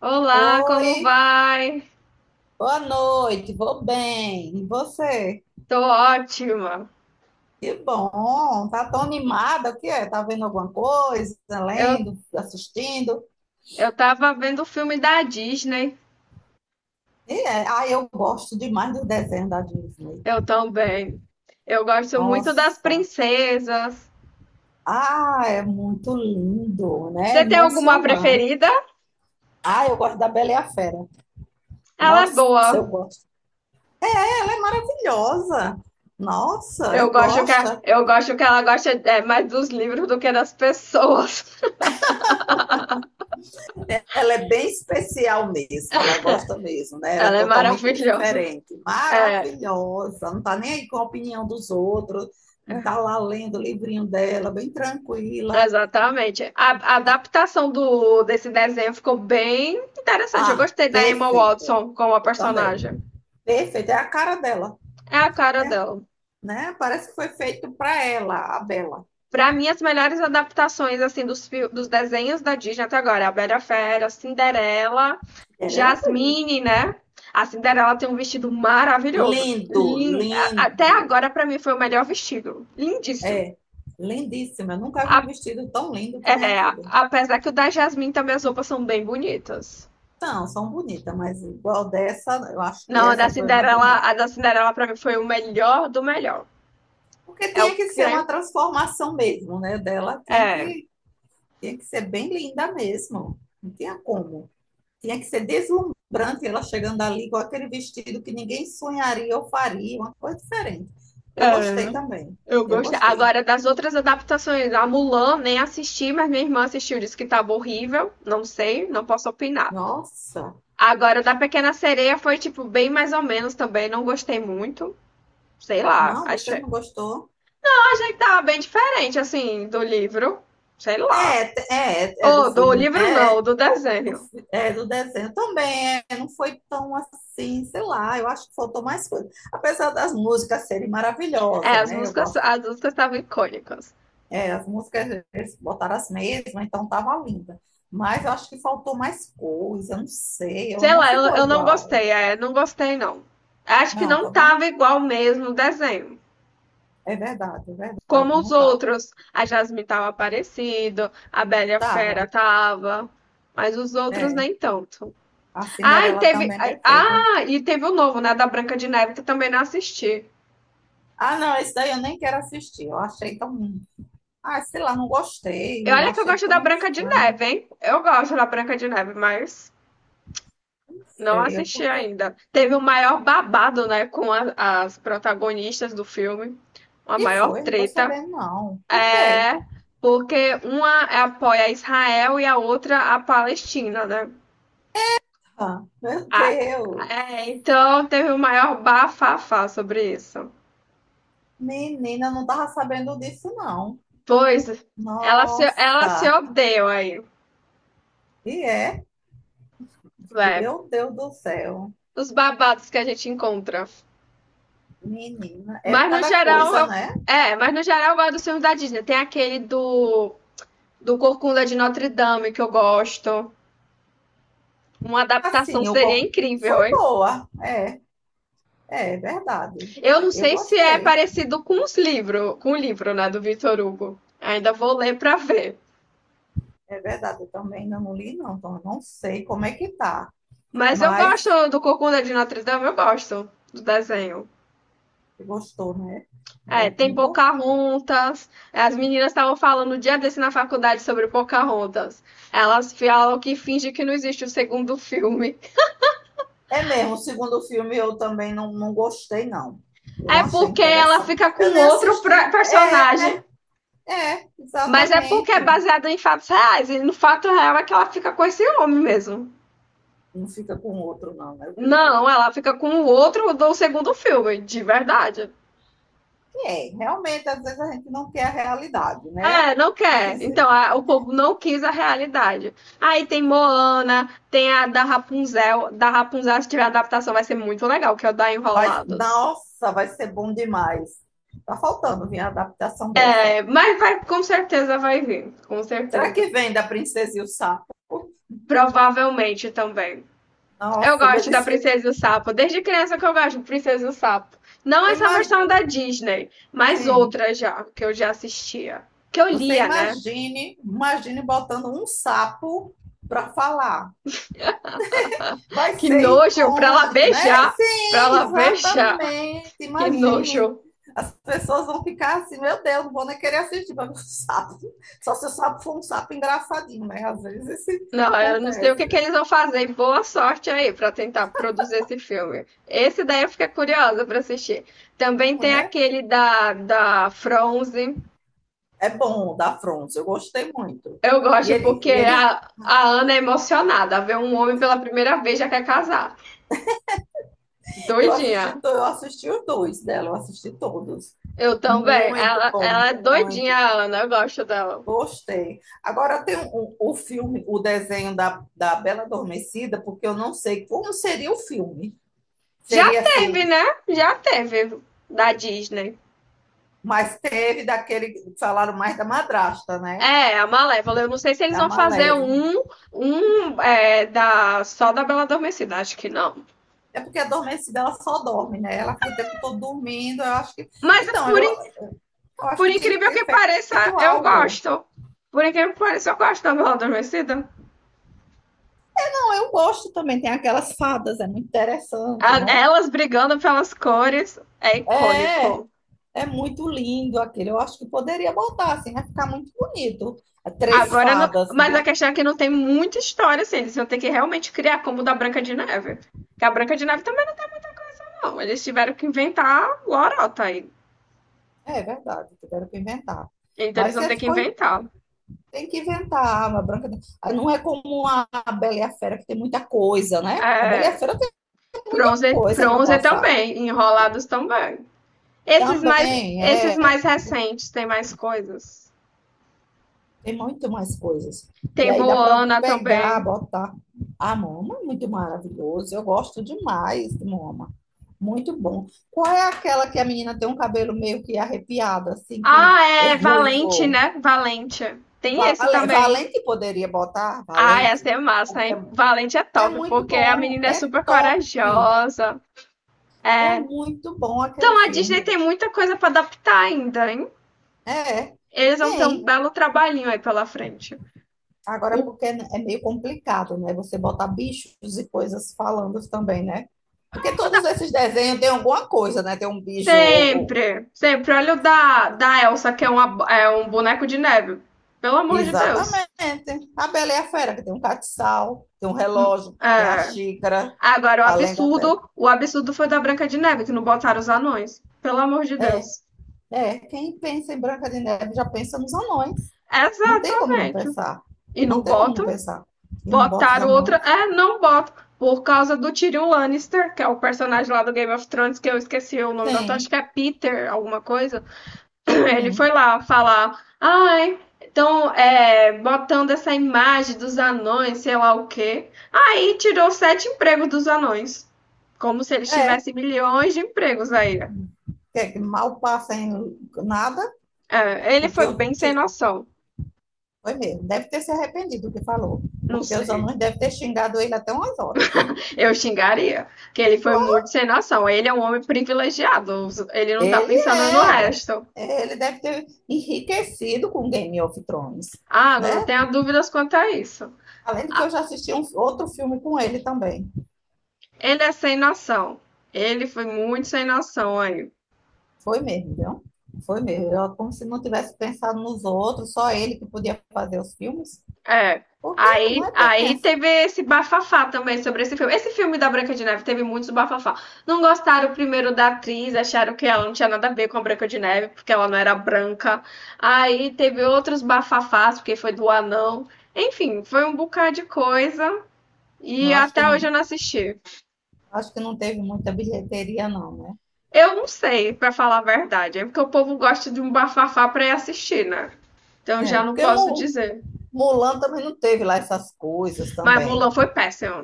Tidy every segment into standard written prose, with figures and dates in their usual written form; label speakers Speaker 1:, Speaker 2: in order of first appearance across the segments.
Speaker 1: Olá, como
Speaker 2: Oi,
Speaker 1: vai?
Speaker 2: boa noite, vou bem. E você?
Speaker 1: Tô ótima.
Speaker 2: Que bom, tá tão animada, o que é? Tá vendo alguma coisa,
Speaker 1: Eu,
Speaker 2: lendo, assistindo?
Speaker 1: eu tava vendo o filme da Disney.
Speaker 2: E é, ah, eu gosto demais do desenho da Disney.
Speaker 1: Eu também. Eu gosto muito das
Speaker 2: Nossa,
Speaker 1: princesas.
Speaker 2: ah, é muito lindo, né? É
Speaker 1: Você tem alguma
Speaker 2: emocionante.
Speaker 1: preferida?
Speaker 2: Ah, eu gosto da Bela e a Fera.
Speaker 1: Ela é
Speaker 2: Nossa, eu
Speaker 1: boa.
Speaker 2: gosto. Ela é maravilhosa. Nossa,
Speaker 1: Eu
Speaker 2: eu
Speaker 1: gosto que, a-
Speaker 2: gosto.
Speaker 1: eu gosto que ela gosta mais dos livros do que das pessoas.
Speaker 2: Ela é bem especial mesmo, ela gosta mesmo, né? Ela é
Speaker 1: Ela é
Speaker 2: totalmente
Speaker 1: maravilhosa.
Speaker 2: diferente,
Speaker 1: É,
Speaker 2: maravilhosa, não está nem aí com a opinião dos outros. Está lá lendo o livrinho dela, bem tranquila.
Speaker 1: exatamente. A adaptação desse desenho ficou bem interessante. Eu
Speaker 2: Ah,
Speaker 1: gostei da Emma
Speaker 2: perfeito.
Speaker 1: Watson como a
Speaker 2: Eu também.
Speaker 1: personagem.
Speaker 2: Perfeito, é a cara dela,
Speaker 1: É a cara
Speaker 2: é,
Speaker 1: dela.
Speaker 2: né? Parece que foi feito para ela, a Bela.
Speaker 1: Pra mim, as melhores adaptações assim dos desenhos da Disney até agora é a Bela e a Fera, Cinderela,
Speaker 2: Era ela foi linda.
Speaker 1: Jasmine, né? A Cinderela tem um vestido maravilhoso.
Speaker 2: Lindo,
Speaker 1: Até
Speaker 2: lindo,
Speaker 1: agora, pra mim, foi o melhor vestido. Lindíssimo.
Speaker 2: é, lindíssima. Eu nunca vi um
Speaker 1: A-
Speaker 2: vestido tão lindo que nem aquele.
Speaker 1: Apesar que o da Jasmine também as roupas são bem bonitas.
Speaker 2: São, são bonitas, mas igual dessa, eu acho que
Speaker 1: Não,
Speaker 2: essa foi uma bonita.
Speaker 1: A da Cinderela pra mim foi o melhor do melhor.
Speaker 2: Porque
Speaker 1: É o
Speaker 2: tinha que ser
Speaker 1: creme.
Speaker 2: uma transformação mesmo, né? Dela
Speaker 1: É,
Speaker 2: tinha que ser bem linda mesmo. Não tinha como. Tinha que ser deslumbrante ela chegando ali com aquele vestido que ninguém sonharia ou faria, uma coisa diferente. Eu gostei
Speaker 1: é.
Speaker 2: também.
Speaker 1: Eu
Speaker 2: Eu
Speaker 1: gostei.
Speaker 2: gostei.
Speaker 1: Agora, das outras adaptações, a Mulan nem assisti, mas minha irmã assistiu, disse que estava horrível. Não sei, não posso opinar.
Speaker 2: Nossa,
Speaker 1: Agora, da Pequena Sereia foi, tipo, bem mais ou menos também. Não gostei muito. Sei lá,
Speaker 2: não, você
Speaker 1: achei.
Speaker 2: não gostou?
Speaker 1: Eu achei que tava bem diferente, assim, do livro. Sei lá.
Speaker 2: É, é, é do
Speaker 1: Ou do
Speaker 2: filme,
Speaker 1: livro
Speaker 2: né?
Speaker 1: não, do
Speaker 2: Do,
Speaker 1: desenho.
Speaker 2: é, do desenho também, é, não foi tão assim, sei lá, eu acho que faltou mais coisa. Apesar das músicas serem
Speaker 1: É,
Speaker 2: maravilhosas, né? Eu gosto,
Speaker 1: as músicas estavam icônicas.
Speaker 2: é, as músicas eles botaram as mesmas, então tava linda. Mas eu acho que faltou mais coisa, não sei, eu
Speaker 1: Sei
Speaker 2: não
Speaker 1: lá, eu,
Speaker 2: ficou
Speaker 1: eu não
Speaker 2: igual.
Speaker 1: gostei, não gostei não. Acho que
Speaker 2: Não,
Speaker 1: não
Speaker 2: tá bom?
Speaker 1: tava igual mesmo o desenho.
Speaker 2: É verdade,
Speaker 1: Como os
Speaker 2: não tava.
Speaker 1: outros, a Jasmine tava aparecendo, a Bela e a Fera
Speaker 2: Tava,
Speaker 1: tava, mas os outros
Speaker 2: é.
Speaker 1: nem tanto.
Speaker 2: A
Speaker 1: Ah, e
Speaker 2: Cinderela
Speaker 1: teve,
Speaker 2: também é perfeita.
Speaker 1: ah, e teve o novo, né, da Branca de Neve, que eu também não assisti.
Speaker 2: Ah, não, esse daí eu nem quero assistir. Eu achei tão. Ah, sei lá, não
Speaker 1: E
Speaker 2: gostei. Eu
Speaker 1: olha que eu
Speaker 2: achei
Speaker 1: gosto da
Speaker 2: tão
Speaker 1: Branca de
Speaker 2: estranho.
Speaker 1: Neve, hein? Eu gosto da Branca de Neve, mas não
Speaker 2: Sei, eu
Speaker 1: assisti
Speaker 2: porque.
Speaker 1: ainda. Teve o maior babado, né, as protagonistas do filme, uma
Speaker 2: E
Speaker 1: maior
Speaker 2: foi, não tô
Speaker 1: treta.
Speaker 2: sabendo, não. Por quê?
Speaker 1: É, porque uma apoia Israel e a outra a Palestina, né?
Speaker 2: Ah, meu
Speaker 1: Ah,
Speaker 2: Deus!
Speaker 1: é, então teve o maior bafafá sobre isso.
Speaker 2: Menina, não tava sabendo disso, não.
Speaker 1: Pois ela se
Speaker 2: Nossa!
Speaker 1: odeia aí,
Speaker 2: E é?
Speaker 1: é,
Speaker 2: Meu Deus do céu!
Speaker 1: os babados que a gente encontra.
Speaker 2: Menina, é
Speaker 1: Mas no
Speaker 2: cada
Speaker 1: geral,
Speaker 2: coisa,
Speaker 1: eu-
Speaker 2: né?
Speaker 1: mas no geral eu gosto dos filmes da Disney. Tem aquele do Corcunda de Notre Dame que eu gosto. Uma adaptação
Speaker 2: Assim, eu...
Speaker 1: seria incrível,
Speaker 2: foi
Speaker 1: hein?
Speaker 2: boa. É, é verdade.
Speaker 1: Eu não
Speaker 2: Eu
Speaker 1: sei se é
Speaker 2: gostei.
Speaker 1: parecido com o livro, né, do Victor Hugo. Ainda vou ler pra ver.
Speaker 2: É verdade, eu também ainda não li, não. Então, eu não sei como é que tá.
Speaker 1: Mas eu
Speaker 2: Mas
Speaker 1: gosto do Corcunda de Notre Dame, eu gosto do desenho.
Speaker 2: gostou, né?
Speaker 1: É,
Speaker 2: Bom,
Speaker 1: tem
Speaker 2: ainda.
Speaker 1: Pocahontas. É, as meninas estavam falando o dia desse na faculdade sobre Pocahontas. Elas falam que finge que não existe o segundo filme.
Speaker 2: É mesmo, o segundo filme eu também não, não gostei, não. Eu
Speaker 1: É
Speaker 2: não achei
Speaker 1: porque ela
Speaker 2: interessante.
Speaker 1: fica
Speaker 2: Eu
Speaker 1: com
Speaker 2: nem
Speaker 1: outro
Speaker 2: assisti. É,
Speaker 1: personagem.
Speaker 2: é,
Speaker 1: Mas é porque é
Speaker 2: exatamente.
Speaker 1: baseado em fatos reais. E no fato real é que ela fica com esse homem mesmo.
Speaker 2: Não fica com o outro, não, né? O primeiro.
Speaker 1: Não, ela fica com o outro do segundo filme, de verdade.
Speaker 2: Que é, realmente, às vezes a gente não quer a realidade, né?
Speaker 1: É, não quer. Então, o povo não quis a realidade. Aí tem Moana, tem a da Rapunzel. Da Rapunzel, se tiver adaptação, vai ser muito legal, que é o da
Speaker 2: Vai,
Speaker 1: Enrolados.
Speaker 2: nossa, vai ser bom demais. Tá faltando vir a adaptação dessa.
Speaker 1: É, mas vai, com certeza vai vir. Com
Speaker 2: Será
Speaker 1: certeza.
Speaker 2: que vem da Princesa e o Sapo?
Speaker 1: Provavelmente também. Eu
Speaker 2: Nossa,
Speaker 1: gosto
Speaker 2: deve
Speaker 1: da
Speaker 2: ser.
Speaker 1: Princesa e o Sapo. Desde criança que eu gosto de Princesa e o Sapo. Não
Speaker 2: Você
Speaker 1: essa versão
Speaker 2: imagina.
Speaker 1: da Disney, mas
Speaker 2: Sim.
Speaker 1: outra já, que eu já assistia. Que eu
Speaker 2: Você
Speaker 1: lia, né?
Speaker 2: imagine, imagine botando um sapo para falar. Vai
Speaker 1: Que
Speaker 2: ser
Speaker 1: nojo, pra lá
Speaker 2: icônico, né?
Speaker 1: beijar. Pra
Speaker 2: Sim,
Speaker 1: lá beijar.
Speaker 2: exatamente.
Speaker 1: Que
Speaker 2: Imagine,
Speaker 1: nojo.
Speaker 2: as pessoas vão ficar assim, meu Deus, não vou nem querer assistir, mas o sapo, só se o sapo for um sapo engraçadinho, né? Às vezes isso
Speaker 1: Não, eu não sei o que que
Speaker 2: acontece,
Speaker 1: eles vão fazer. E boa sorte aí para tentar produzir esse filme. Esse daí eu fiquei curiosa para assistir. Também
Speaker 2: não
Speaker 1: tem
Speaker 2: é?
Speaker 1: aquele da Fronze.
Speaker 2: É bom, da Fronce, eu gostei muito.
Speaker 1: Eu gosto porque
Speaker 2: E ele,
Speaker 1: a Ana é emocionada. Vê um homem pela primeira vez já quer casar.
Speaker 2: eu
Speaker 1: Doidinha.
Speaker 2: assisti, eu assisti os dois dela, eu assisti todos.
Speaker 1: Eu também.
Speaker 2: Muito
Speaker 1: Ela,
Speaker 2: bom,
Speaker 1: ela é
Speaker 2: muito.
Speaker 1: doidinha, a Ana. Eu gosto dela.
Speaker 2: Gostei. Agora tem o filme, o desenho da, da Bela Adormecida, porque eu não sei como seria o filme.
Speaker 1: Já
Speaker 2: Seria
Speaker 1: teve,
Speaker 2: assim,
Speaker 1: né? Já teve da Disney.
Speaker 2: mas teve daquele, que falaram mais da madrasta, né?
Speaker 1: É, a Malévola. Eu não sei se eles
Speaker 2: Da
Speaker 1: vão fazer
Speaker 2: Malévola.
Speaker 1: só da Bela Adormecida, acho que não.
Speaker 2: É porque a adormecida ela só dorme, né? Ela fica o tempo todo dormindo. Eu acho que.
Speaker 1: Mas
Speaker 2: Então,
Speaker 1: por,
Speaker 2: eu,
Speaker 1: in-
Speaker 2: eu acho
Speaker 1: por
Speaker 2: que tem que
Speaker 1: incrível
Speaker 2: ter
Speaker 1: que pareça,
Speaker 2: feito
Speaker 1: eu
Speaker 2: algo.
Speaker 1: gosto. Por incrível que pareça, eu gosto da Bela Adormecida.
Speaker 2: Bom, eu gosto também, tem aquelas fadas, é muito interessante, né?
Speaker 1: Elas brigando pelas cores é
Speaker 2: É,
Speaker 1: icônico.
Speaker 2: é muito lindo aquele. Eu acho que poderia botar, assim, vai ficar muito bonito. É três
Speaker 1: Agora, não-
Speaker 2: fadas,
Speaker 1: mas a
Speaker 2: né?
Speaker 1: questão é que não tem muita história, assim. Eles vão ter que realmente criar como o da Branca de Neve. Que a Branca de Neve também não tem muita coisa, não. Eles tiveram que inventar lorota aí.
Speaker 2: É verdade, tiveram que inventar.
Speaker 1: Então eles
Speaker 2: Mas
Speaker 1: vão
Speaker 2: você
Speaker 1: ter que
Speaker 2: ficou,
Speaker 1: inventar.
Speaker 2: tem que inventar a Arma Branca. Ah, não é como a Bela e a Fera, que tem muita coisa, né? A Bela e a
Speaker 1: É,
Speaker 2: Fera tem muita
Speaker 1: Fronze,
Speaker 2: coisa para
Speaker 1: Fronze
Speaker 2: passar.
Speaker 1: também, Enrolados também.
Speaker 2: Também,
Speaker 1: Esses
Speaker 2: é.
Speaker 1: mais recentes tem mais coisas.
Speaker 2: Tem muito mais coisas. Que
Speaker 1: Tem
Speaker 2: aí dá para
Speaker 1: Moana
Speaker 2: pegar,
Speaker 1: também.
Speaker 2: botar. A Moma é muito maravilhoso. Eu gosto demais de Moma. Muito bom. Qual é aquela que a menina tem um cabelo meio que arrepiado, assim, que
Speaker 1: Ah,
Speaker 2: é
Speaker 1: é Valente,
Speaker 2: ruivo?
Speaker 1: né? Valente. Tem esse também.
Speaker 2: Valente poderia botar?
Speaker 1: Ah,
Speaker 2: Valente.
Speaker 1: essa é massa,
Speaker 2: Porque
Speaker 1: hein?
Speaker 2: é,
Speaker 1: Valente é
Speaker 2: é
Speaker 1: top,
Speaker 2: muito
Speaker 1: porque a
Speaker 2: bom.
Speaker 1: menina é
Speaker 2: É
Speaker 1: super
Speaker 2: top.
Speaker 1: corajosa.
Speaker 2: É
Speaker 1: É.
Speaker 2: muito bom aquele
Speaker 1: Então a Disney
Speaker 2: filme.
Speaker 1: tem muita coisa para adaptar ainda, hein?
Speaker 2: É,
Speaker 1: Eles vão ter um
Speaker 2: tem.
Speaker 1: belo trabalhinho aí pela frente.
Speaker 2: Agora,
Speaker 1: O
Speaker 2: porque é meio complicado, né? Você botar bichos e coisas falando também, né? Porque todos esses desenhos têm alguma coisa, né? Tem um bicho.
Speaker 1: Sempre, sempre. Olha da Elsa, é um boneco de neve. Pelo amor de Deus.
Speaker 2: Exatamente. A Bela e a Fera, que tem um catiçal, tem um
Speaker 1: Hum,
Speaker 2: relógio, tem a
Speaker 1: é.
Speaker 2: xícara,
Speaker 1: Agora, o
Speaker 2: além da Bela.
Speaker 1: absurdo, o absurdo foi da Branca de Neve, que não botaram os anões. Pelo amor de
Speaker 2: É,
Speaker 1: Deus.
Speaker 2: é. Quem pensa em Branca de Neve já pensa nos anões. Não tem como não
Speaker 1: Exatamente.
Speaker 2: pensar.
Speaker 1: E não
Speaker 2: Não tem como não
Speaker 1: botam,
Speaker 2: pensar. E não bota os
Speaker 1: botaram outra.
Speaker 2: anões?
Speaker 1: É, não botam. Por causa do Tyrion Lannister, que é o personagem lá do Game of Thrones, que eu esqueci o nome do ator, acho que
Speaker 2: Sim.
Speaker 1: é Peter, alguma coisa. Ele foi
Speaker 2: Hum.
Speaker 1: lá falar, ai, botando essa imagem dos anões, sei lá o quê. Aí tirou sete empregos dos anões. Como se eles
Speaker 2: É.
Speaker 1: tivessem milhões de empregos aí.
Speaker 2: Que é que mal passa em nada,
Speaker 1: É, ele
Speaker 2: porque
Speaker 1: foi
Speaker 2: eu.
Speaker 1: bem sem noção.
Speaker 2: Foi mesmo. Deve ter se arrependido do que falou,
Speaker 1: Não
Speaker 2: porque os
Speaker 1: sei.
Speaker 2: alunos devem ter xingado ele até umas horas.
Speaker 1: Eu xingaria. Que ele foi muito sem noção. Ele é um homem privilegiado. Ele não tá
Speaker 2: Ele
Speaker 1: pensando no
Speaker 2: é.
Speaker 1: resto.
Speaker 2: Ele deve ter enriquecido com Game of Thrones,
Speaker 1: Ah, não
Speaker 2: né?
Speaker 1: tenho dúvidas quanto a isso.
Speaker 2: Além de que
Speaker 1: Ah,
Speaker 2: eu já assisti um outro filme com ele também.
Speaker 1: ele é sem noção. Ele foi muito sem noção aí.
Speaker 2: Foi mesmo, viu? Foi mesmo. Eu, como se não tivesse pensado nos outros, só ele que podia fazer os filmes,
Speaker 1: É.
Speaker 2: porque não
Speaker 1: Aí,
Speaker 2: é bem
Speaker 1: aí
Speaker 2: assim.
Speaker 1: teve esse bafafá também sobre esse filme. Esse filme da Branca de Neve teve muitos bafafá. Não gostaram primeiro da atriz, acharam que ela não tinha nada a ver com a Branca de Neve, porque ela não era branca. Aí teve outros bafafás, porque foi do anão. Enfim, foi um bocado de coisa
Speaker 2: Eu
Speaker 1: e até hoje eu não assisti.
Speaker 2: acho que não teve muita bilheteria, não, né?
Speaker 1: Eu não sei, pra falar a verdade, é porque o povo gosta de um bafafá pra ir assistir, né? Então
Speaker 2: É,
Speaker 1: já não
Speaker 2: porque
Speaker 1: posso dizer.
Speaker 2: Mulan também não teve lá essas coisas
Speaker 1: Mas
Speaker 2: também.
Speaker 1: Mulan foi péssimo.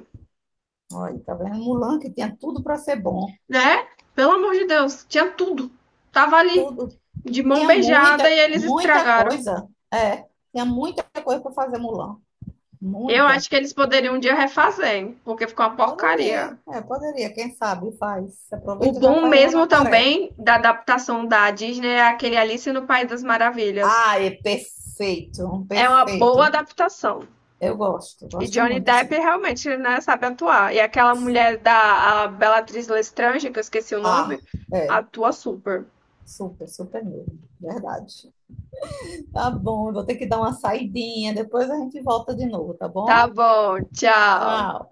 Speaker 2: Olha, tá vendo? Um Mulan que tinha tudo para ser bom.
Speaker 1: Né? Pelo amor de Deus, tinha tudo. Tava ali,
Speaker 2: Tudo.
Speaker 1: de mão
Speaker 2: Tinha
Speaker 1: beijada,
Speaker 2: muita,
Speaker 1: e eles
Speaker 2: muita
Speaker 1: estragaram.
Speaker 2: coisa. É, tinha muita coisa para fazer Mulan.
Speaker 1: Eu
Speaker 2: Muita.
Speaker 1: acho que eles poderiam um dia refazer, hein, porque ficou uma porcaria.
Speaker 2: Poderia, é, poderia. Quem sabe faz.
Speaker 1: O
Speaker 2: Aproveita e já
Speaker 1: bom
Speaker 2: faz lá na
Speaker 1: mesmo
Speaker 2: Coreia.
Speaker 1: também da adaptação da Disney é aquele Alice no País das Maravilhas.
Speaker 2: Ah, é perfeito, um
Speaker 1: É uma boa
Speaker 2: perfeito.
Speaker 1: adaptação.
Speaker 2: Eu gosto,
Speaker 1: E
Speaker 2: gosto
Speaker 1: Johnny
Speaker 2: muito,
Speaker 1: Depp
Speaker 2: sim.
Speaker 1: realmente, né, sabe atuar. E aquela mulher da a Bellatrix Lestrange, que eu esqueci o
Speaker 2: Ah,
Speaker 1: nome,
Speaker 2: é.
Speaker 1: atua super.
Speaker 2: Super, super mesmo. Verdade. Tá bom, eu vou ter que dar uma saidinha. Depois a gente volta de novo, tá
Speaker 1: Tá
Speaker 2: bom?
Speaker 1: bom, tchau.
Speaker 2: Tchau.